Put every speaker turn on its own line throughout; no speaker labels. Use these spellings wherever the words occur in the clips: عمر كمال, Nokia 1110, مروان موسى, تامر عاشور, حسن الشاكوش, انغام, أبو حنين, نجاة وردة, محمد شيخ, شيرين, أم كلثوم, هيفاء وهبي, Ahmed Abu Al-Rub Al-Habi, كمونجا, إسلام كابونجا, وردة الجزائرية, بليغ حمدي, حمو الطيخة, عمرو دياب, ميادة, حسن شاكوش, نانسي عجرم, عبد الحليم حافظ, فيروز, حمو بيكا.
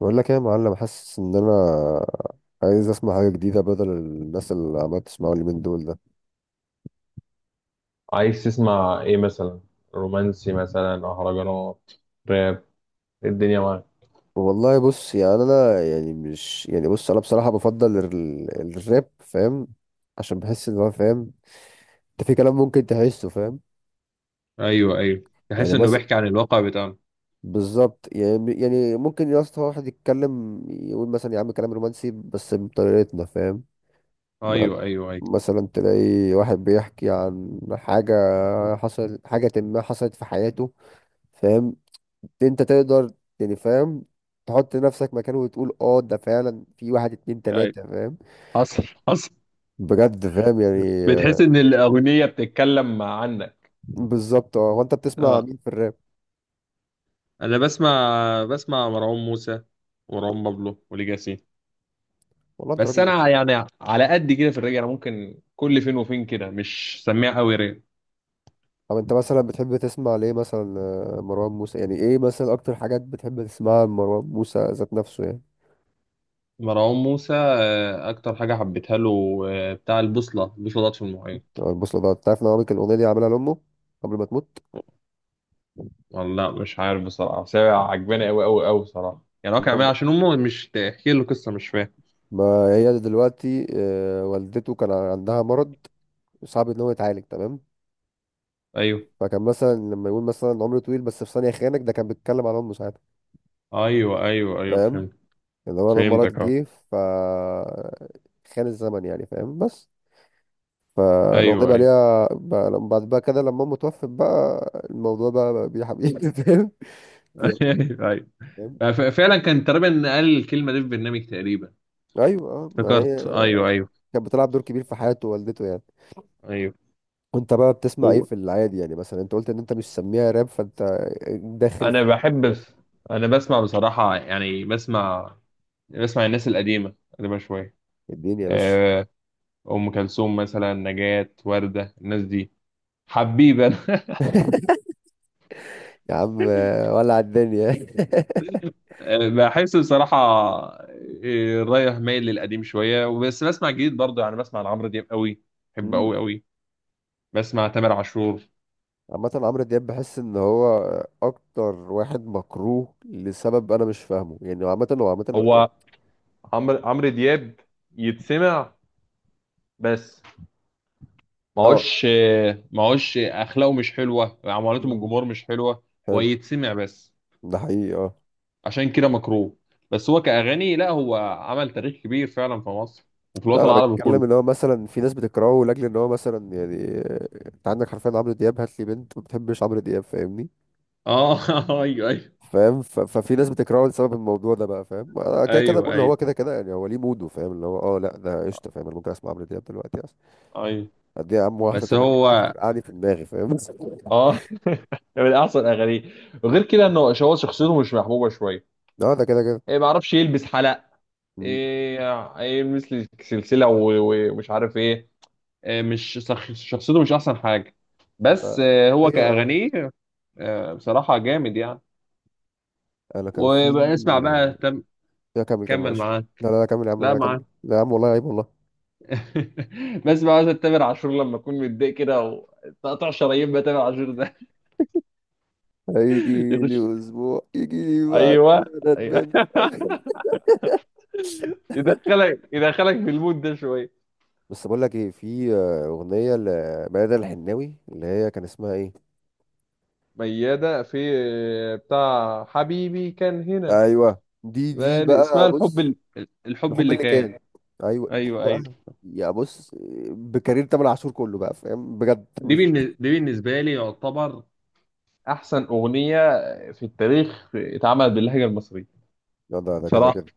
بقول لك ايه يا معلم، حاسس ان انا عايز اسمع حاجه جديده بدل الناس اللي عمال تسمعوا اليومين دول ده.
عايز تسمع ايه مثلا؟ رومانسي مثلا، مهرجانات، راب؟ إيه الدنيا معاك؟
والله بص، يعني انا يعني مش يعني بص، انا بصراحه بفضل الراب، فاهم؟ عشان بحس ان هو فاهم. انت في كلام ممكن تحسه فاهم.
ايوه ايوه، تحس
يعني
انه
مثلا
بيحكي عن الواقع بتاعنا.
بالظبط. يعني ممكن يا اسطى واحد يتكلم يقول مثلا يا عم كلام رومانسي بس بطريقتنا، فاهم؟ ما-
ايوه ايوه ايوه
مثلا تلاقي واحد بيحكي عن حاجه حصل، حاجه ما حصلت في حياته، فاهم؟ انت تقدر، يعني فاهم، تحط نفسك مكانه وتقول اه ده فعلا في واحد اتنين
ايوه
تلاتة، فاهم؟
حصل، حصل.
بجد فاهم يعني،
بتحس
آه.
ان الاغنيه بتتكلم عنك.
بالظبط. اه، هو انت بتسمع
اه،
مين في الراب؟
انا بسمع، بسمع مروان موسى ومروان بابلو وليجاسي.
والله انت
بس
راجل
انا
محترم.
يعني على قد كده في الراب، انا ممكن كل فين وفين كده مش سميع قوي راب.
طب انت مثلا بتحب تسمع ليه مثلا، مروان موسى؟ يعني ايه مثلا اكتر حاجات بتحب تسمعها لمروان موسى ذات نفسه يعني؟
مروان موسى، اكتر حاجه حبيتها له، بتاع البوصله، البوصله ضاعت في المحيط.
اه البوصلة، ده انت عارف ان هو كان الاغنية دي عاملها لامه قبل ما تموت؟
والله مش عارف بصراحة، بس هي عجباني أوي أوي أوي بصراحة. يعني هو كان عاملها
ما,
عشان أمه، مش تحكي له قصة، مش فاهم.
ما هي دلوقتي والدته كان عندها مرض صعب ان هو يتعالج، تمام؟
أيوه
فكان مثلا لما يقول مثلا عمر طويل بس في ثانية خانك، ده كان بيتكلم عن عمره ساعتها،
أيوه
فاهم؟
فهمت.
اللي هو لما مرض
فهمتك أه.
جه، ف خان الزمن يعني، فاهم؟ بس فالأغنية
أيوه
بقى
أيوه.
ليها بقى بعد بقى كده لما أمه توفت بقى الموضوع بقى بيه حبيبي فاهم؟ بي-
أيوه أيوه.
فاهم؟
يعني فعلا كان تقريبا قال الكلمة دي في برنامج تقريبا.
أيوه، ما هي
افتكرت، أيوه أيوه
كانت بتلعب دور كبير في حياة والدته يعني.
أيوه.
وأنت بقى بتسمع إيه
و-
في العادي يعني؟ مثلا أنت قلت إن أنت مش سميها راب، فأنت داخل
أنا
في
بحب بس. أنا بسمع بصراحة، يعني بسمع، بسمع الناس القديمة، قديمة شوية.
الدنيا يا باشا.
آه، أم كلثوم مثلا، نجاة، وردة، الناس دي. حبيبي أنا.
يا عم ولع الدنيا.
بحس بصراحة رايح مايل للقديم شوية، وبس بسمع جديد برضه. يعني بسمع لعمرو دياب قوي، بحبه قوي قوي. بسمع تامر عاشور.
عامة عمرو دياب بحس ان هو اكتر واحد مكروه لسبب انا مش فاهمه يعني. عامة هو عامة يعني.
هو عمرو دياب يتسمع بس،
اه،
معوش معوش أخلاقه مش حلوة، معاملته من
مم.
الجمهور مش حلوة. هو
حلو،
يتسمع بس،
ده حقيقي اه.
عشان كده مكروه. بس هو كأغاني لا، هو عمل تاريخ كبير فعلا في مصر وفي
لا،
الوطن
انا
العربي
بتكلم
كله.
ان هو مثلا في ناس بتكرهه لاجل ان هو مثلا يعني، انت عندك حرفيا عمرو دياب، هات لي بنت ما بتحبش عمرو دياب، فاهمني؟
اه. ايوه ايوه
فاهم؟ ففي ناس بتكرهه لسبب الموضوع ده بقى، فاهم؟ انا كده كده
ايوه
بقول
ايوه
هو كده كده يعني هو ليه موده، فاهم؟ اللي هو اه لا ده قشطه، فاهم؟ انا ممكن اسمع عمرو دياب دلوقتي اصلا.
ايوه
قد ايه يا عم واحده
بس
تملي معاك
هو
ترقعني في دماغي، فاهم؟
اه، من احسن اغانيه. وغير كده انه هو شخصيته مش محبوبه شويه.
اه ده كده كده.
إيه، ما اعرفش، يلبس حلق، ايه، إيه يلبس لي سلسله ومش عارف ايه. إيه، مش شخصيته مش احسن حاجه.
ف-
بس هو
حقيقة اه.
كاغانيه بصراحه جامد يعني.
انا كان في،
واسمع بقى
آه،
تم.
لا كمل كمل
كمل
معلش.
معاه.
لا كمل يا عم، لا
لا
لا كمل،
معاه.
لا يا عم والله عيب والله.
بسمع مثلا تامر عاشور لما اكون متضايق كده، وتقطع شرايين بقى تامر عاشور ده.
هيجي
يخش.
لي اسبوع يجي لي بعد،
ايوه،
انا
ايوه.
ندمان.
يدخلك، يدخلك في المود ده شويه.
بس بقول لك ايه، في اغنيه لميادة الحناوي اللي هي كان اسمها ايه.
ميادة في بتاع حبيبي كان هنا.
ايوه دي
اسمها
بقى
الحب
بص.
الحب
الحب
اللي
اللي
كان.
كان، ايوه دي
ايوه ايوه.
بقى. يا بص، بكارير تامر عاشور كله بقى، فاهم؟ بجد مش،
دي بالنسبه لي يعتبر احسن اغنيه في التاريخ اتعملت باللهجه المصريه،
لا ده ده كده
صراحه
كده.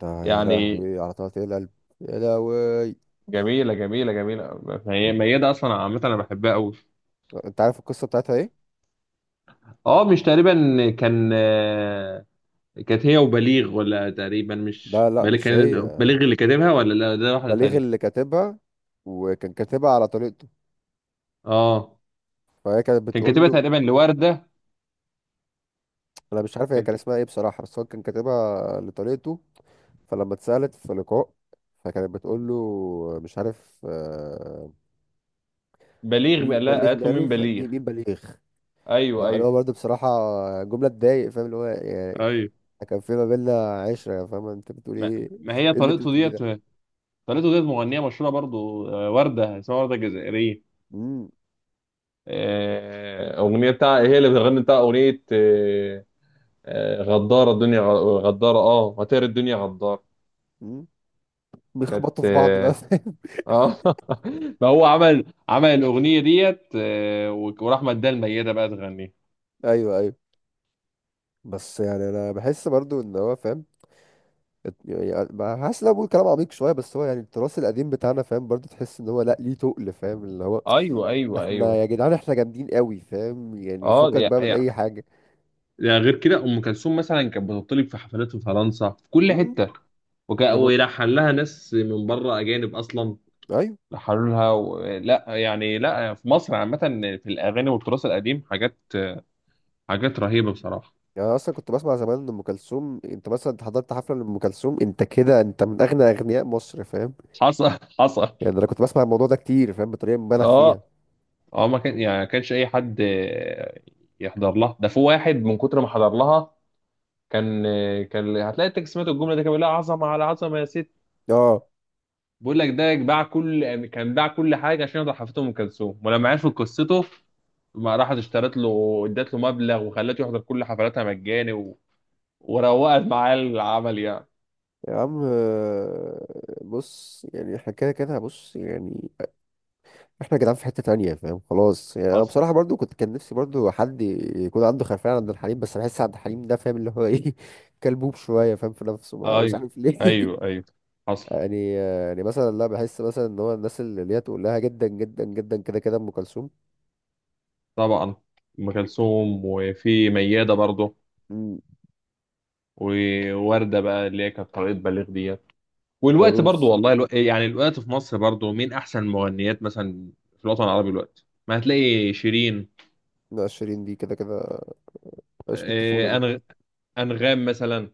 ده يا
يعني.
لهوي على طلعت القلب، يا لهوي.
جميله جميله جميله. هي ميادة اصلا عامه انا بحبها قوي.
انت عارف القصه بتاعتها ايه؟
اه، مش تقريبا. كان كانت هي وبليغ، ولا تقريبا مش
لا
بليغ
مش
كان؟
هي.
بليغ اللي كاتبها، ولا لا، ده واحده
بليغ اللي
تانية.
كاتبها، وكان كاتبها على طريقته.
اه،
فهي كانت
كان
بتقول
كاتبها
له
تقريبا لوردة.
انا مش عارف هي
كانت.
كان اسمها ايه بصراحه، بس هو كان كاتبها لطريقته. فلما اتسالت في لقاء، فكانت بتقول له مش عارف،
بليغ
مين
بقى؟ لا،
بليغ
قالت له
ماله،
مين بليغ.
مين بليغ؟
ايوه
أنا
ايوه
هو برضه بصراحه جمله تضايق، فاهم؟ اللي هو يعني
ايوه.
كان في ما بينا عشره، فاهم؟ انت بتقول
ما,
ايه؟
ما هي
ايه اللي انت
طريقته
بتقوليه
ديت.
ده؟
طريقته ديت مغنية مشهورة برضو، وردة اسمها وردة الجزائرية.
امم،
أغنية بتاع، هي اللي بتغني بتاع أغنية غدارة الدنيا، غدارة، اه، هتقري الدنيا غدارة.
امم
كانت
بيخبطوا في بعض بقى،
اه.
فاهم؟
آه. ما هو عمل عمل الأغنية ديت، وراح مداها الميتة بقى تغنيها.
ايوه ايوه. بس يعني انا بحس برضو ان هو فاهم، يعني بقى حاسس ان انا بقول كلام عميق شويه بس هو يعني التراث القديم بتاعنا، فاهم؟ برضه تحس ان هو لا ليه تقل، فاهم؟ اللي هو
ايوه ايوه
احنا
ايوه.
يا جدعان احنا جامدين قوي، فاهم يعني؟
اه
فكك بقى من
يعني،
اي حاجه.
يعني غير كده ام كلثوم مثلا كانت بتطلب في حفلات في فرنسا في كل
امم،
حته، وك...
ده ب...
ويلحن لها ناس من بره، اجانب اصلا
ايوه.
لحنوا لها. و... لا يعني، لا في مصر عامه، في الاغاني والتراث القديم، حاجات حاجات رهيبه بصراحه.
يعني أنا اصلا كنت بسمع زمان ان ام كلثوم، انت مثلا أنت حضرت حفله لام كلثوم، انت كده انت من اغنى اغنياء مصر، فاهم؟
حصل، حصل.
يعني انا كنت بسمع الموضوع ده كتير، فاهم؟ بطريقه مبالغ فيها
اه، اه، ما كان يعني ما كانش اي حد يحضر لها. ده في واحد من كتر ما حضر لها كان كان هتلاقي التكست، سمعت الجمله دي، كان بيقول لها عظمه على عظمه يا ست.
اه.
بقول لك، ده باع كل، كان باع كل حاجه عشان يقدر حفلة ام كلثوم، ولما عرفوا قصته ما راحت اشترت له، ادت له مبلغ وخلته يحضر كل حفلاتها مجاني و... وروقت معاه العمل يعني.
يا عم، بص يعني احنا كده كده، بص يعني احنا جدعان في حتة تانية، فاهم؟ خلاص يعني انا
حصل،
بصراحة برضو كنت كان نفسي برضو حد يكون عنده خلفية عن عبد الحليم، بس بحس عبد الحليم ده، فاهم اللي هو ايه، كلبوب شوية، فاهم؟ في نفسه بقى مش
ايوه
عارف ليه.
ايوه ايوه حصل.
يعني مثلا، لا بحس مثلا ان هو الناس اللي هي تقول لها جدا جدا جدا كده كده ام كلثوم.
طبعا، ام كلثوم، وفي مياده برضه،
مم.
وورده بقى اللي هي كانت طريقه بليغ ديت. والوقت برضه،
وفيروز.
والله الو... يعني الوقت في مصر برضه مين احسن مغنيات مثلا. في الوطن العربي الوقت ما هتلاقي شيرين،
لا شيرين دي كده كده، عشق الطفولة
آه،
دي.
أنغ... انغام مثلا.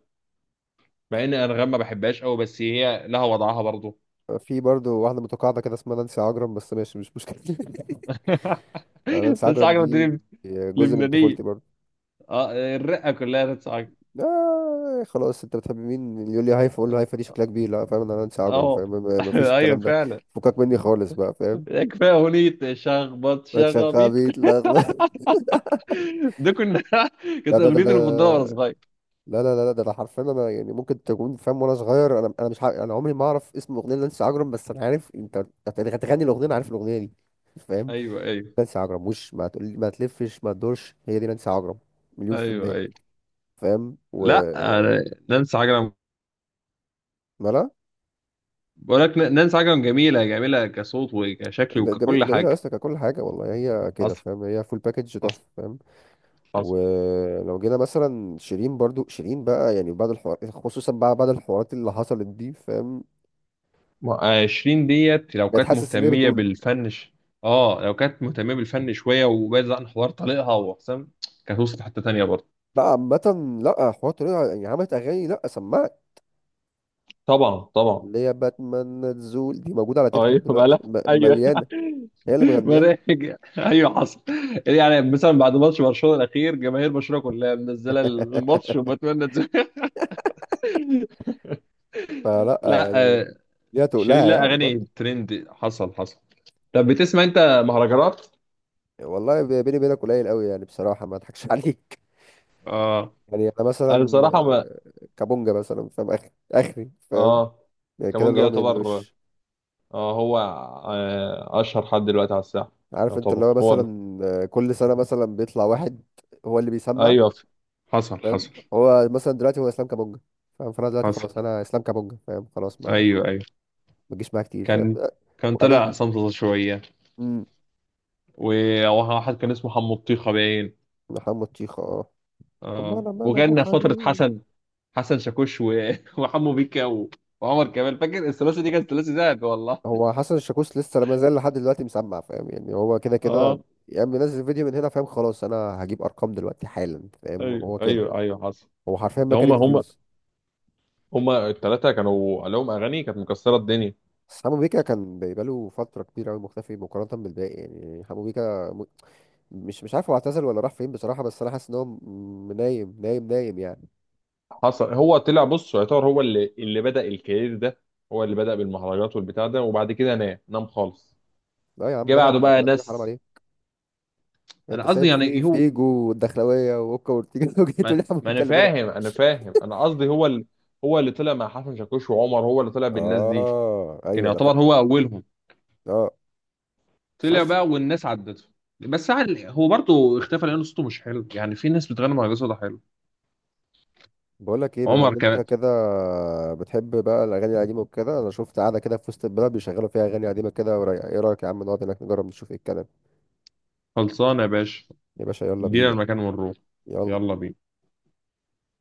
مع ان انغام ما بحبهاش قوي، بس هي لها وضعها برضه.
في برضو واحدة متقاعدة كده اسمها نانسي عجرم، بس ماشي مش مشكلة. نانسي
نانسي
عجرم
عجرم
دي
دي.
جزء من
لبنانيه،
طفولتي برضو.
اه، الرقه كلها نانسي عجرم.
آه خلاص، انت بتحب مين؟ يقول لي هايفا، اقول له هايفا دي شكلها كبير، لا فاهم؟ انا انسى عجرم،
اه.
فاهم؟ ما ما فيش
ايوه
الكلام ده.
فعلا.
فكك مني خالص بقى، فاهم؟
كفايه اغنيه شخبط
ما
شخابيط.
تشغبيت لخبط.
ده كنا.
لا
كانت
ده ده ده
اغنيتي المفضله وانا
ده
صغير.
لا ده انا حرفيا، انا يعني ممكن تكون فاهم وانا صغير، انا مش عارف، انا عمري ما اعرف اسم الاغنيه اللي انسى عجرم، بس انا عارف انت هتغني الاغنيه، انا عارف الاغنيه دي، فاهم؟
ايوه ايوه
نانسي عجرم وش ما تقول ما تلفش ما تدورش، هي دي نانسي عجرم، مليون في
ايوه
المية،
ايوه
فاهم؟ و
لا، أنا نانسي عجرم.
مالها؟
بقول لك نانسي عجرم جميله جميله، كصوت وكشكل وككل
جميلة
حاجه.
أصلا ككل حاجة والله، هي كده
حصل،
فاهم، هي فول باكج
حصل،
تحفة، فاهم؟
حصل.
ولو جينا مثلا شيرين، برضو شيرين بقى يعني بعد الحوار خصوصا بقى بعد الحوارات اللي حصلت دي، فاهم؟
عشرين ديت لو
بقت
كانت
حاسس اللي هي
مهتمية
بتقوله
بالفن ش... اه، لو كانت مهتمية بالفن شوية وبعدت عن حوار طليقها وحسام، كانت وصلت حتة تانية برضه.
بقى عامة. لا حوارات طريقة يعني عملت أغاني، لا سمعت
طبعا، طبعا.
اللي هي باتمان تزول دي موجودة على تيك توك
ايوه
دلوقتي
بلا. ايوه.
مليانة، هي اللي مغنياها.
مناهج، ايوه حصل. يعني، يعني مثلا بعد ماتش برشلونه الاخير، جماهير برشلونه كلها منزله الماتش وبتمنى تزهق.
فلا
لا،
يعني
آه،
ليها
شيرين
تقولها
لا
يعني
اغاني
برضو.
ترند. حصل، حصل. طب بتسمع انت مهرجانات؟
والله بيني وبينك قليل قوي يعني بصراحة، ما اضحكش عليك.
اه،
يعني انا
انا
مثلا
بصراحه ما،
كابونجا مثلا، فاهم؟ اخري اخري، فاهم؟
اه،
يعني كده اللي
كمونجا
هو ما
يعتبر،
يعملوش.
اه، هو اشهر حد دلوقتي على الساحه.
عارف انت اللي
يعتبر
هو
هو
مثلا كل سنه مثلا بيطلع واحد هو اللي بيسمع،
ايوه حصل،
فاهم؟
حصل،
هو مثلا دلوقتي هو اسلام كابونجا، فاهم؟ فانا دلوقتي
حصل.
خلاص انا اسلام كابونجا، فاهم؟ خلاص ما
أيوه أيوه.
ما تجيش معايا كتير، فاهم؟
كان،
آه،
كان طلع
وقابلت،
صمصة شوية.
مم،
وواحد كان اسمه حمو الطيخة باين.
محمد شيخ اه. طب ما
آه،
انا مال ابو
وكان فترة
حنين.
حسن. حسن شاكوش و... وحمو بيكا و... وعمر كمال، فاكر الثلاثي دي؟ كانت ثلاثي ذهب والله.
هو حسن الشاكوش لسه ما زال لحد دلوقتي مسمع، فاهم؟ يعني هو كده
اه،
كده. يا عم نزل فيديو من هنا، فاهم؟ خلاص انا هجيب ارقام دلوقتي حالا، فاهم؟
ايوه
هو كده
ايوه ايوه حصل.
هو حرفيا،
ده
ما
هم،
كانت
هم
فيوز.
هم الثلاثه كانوا لهم اغاني كانت مكسره الدنيا.
بس حمو بيكا كان بقاله فترة كبيرة أوي مختفي مقارنة بالباقي يعني، حمو بيكا م... مش عارف هو اعتزل ولا راح فين بصراحة، بس أنا حاسس إن هو نايم يعني.
حصل، هو طلع بص، يعتبر هو اللي بدأ الكارير ده، هو اللي بدأ بالمهرجانات والبتاع ده، وبعد كده نام، نام خالص.
لا يا عم،
جه
بدأ
بعده بقى
بالمكانات، اللي حرام
ناس.
عليه. أنت
انا قصدي
سايب
يعني
في
إيه، هو،
فيجو والدخلاوية وأوكا وأورتيجا وجيت
ما,
تقول لي حمو
ما
بيكا
انا
اللي بدأ؟
فاهم، انا فاهم، انا قصدي هو ال... هو اللي طلع مع حسن شاكوش وعمر، هو اللي طلع بالناس دي.
آه
كان
أيوه أنا
يعتبر
فاكر
هو
آه،
اولهم.
آه. بس
طلع
حاسس،
بقى والناس عدته. بس هو برضه اختفى لان صوته مش حلو. يعني في ناس بتغني مهرجان صوتها حلو.
بقول لك إيه، بما
عمر
إن أنت
كمان.
كده بتحب بقى الأغاني القديمة وكده، أنا شفت قاعدة كده في وسط البلد بيشغلوا فيها أغاني قديمة كده ورايقة، إيه رأيك يا عم نقعد هناك نجرب نشوف إيه الكلام؟
خلصانه يا باشا.
يا باشا يلا
ادينا
بينا.
المكان ونروح.
يلا.
يلا بينا.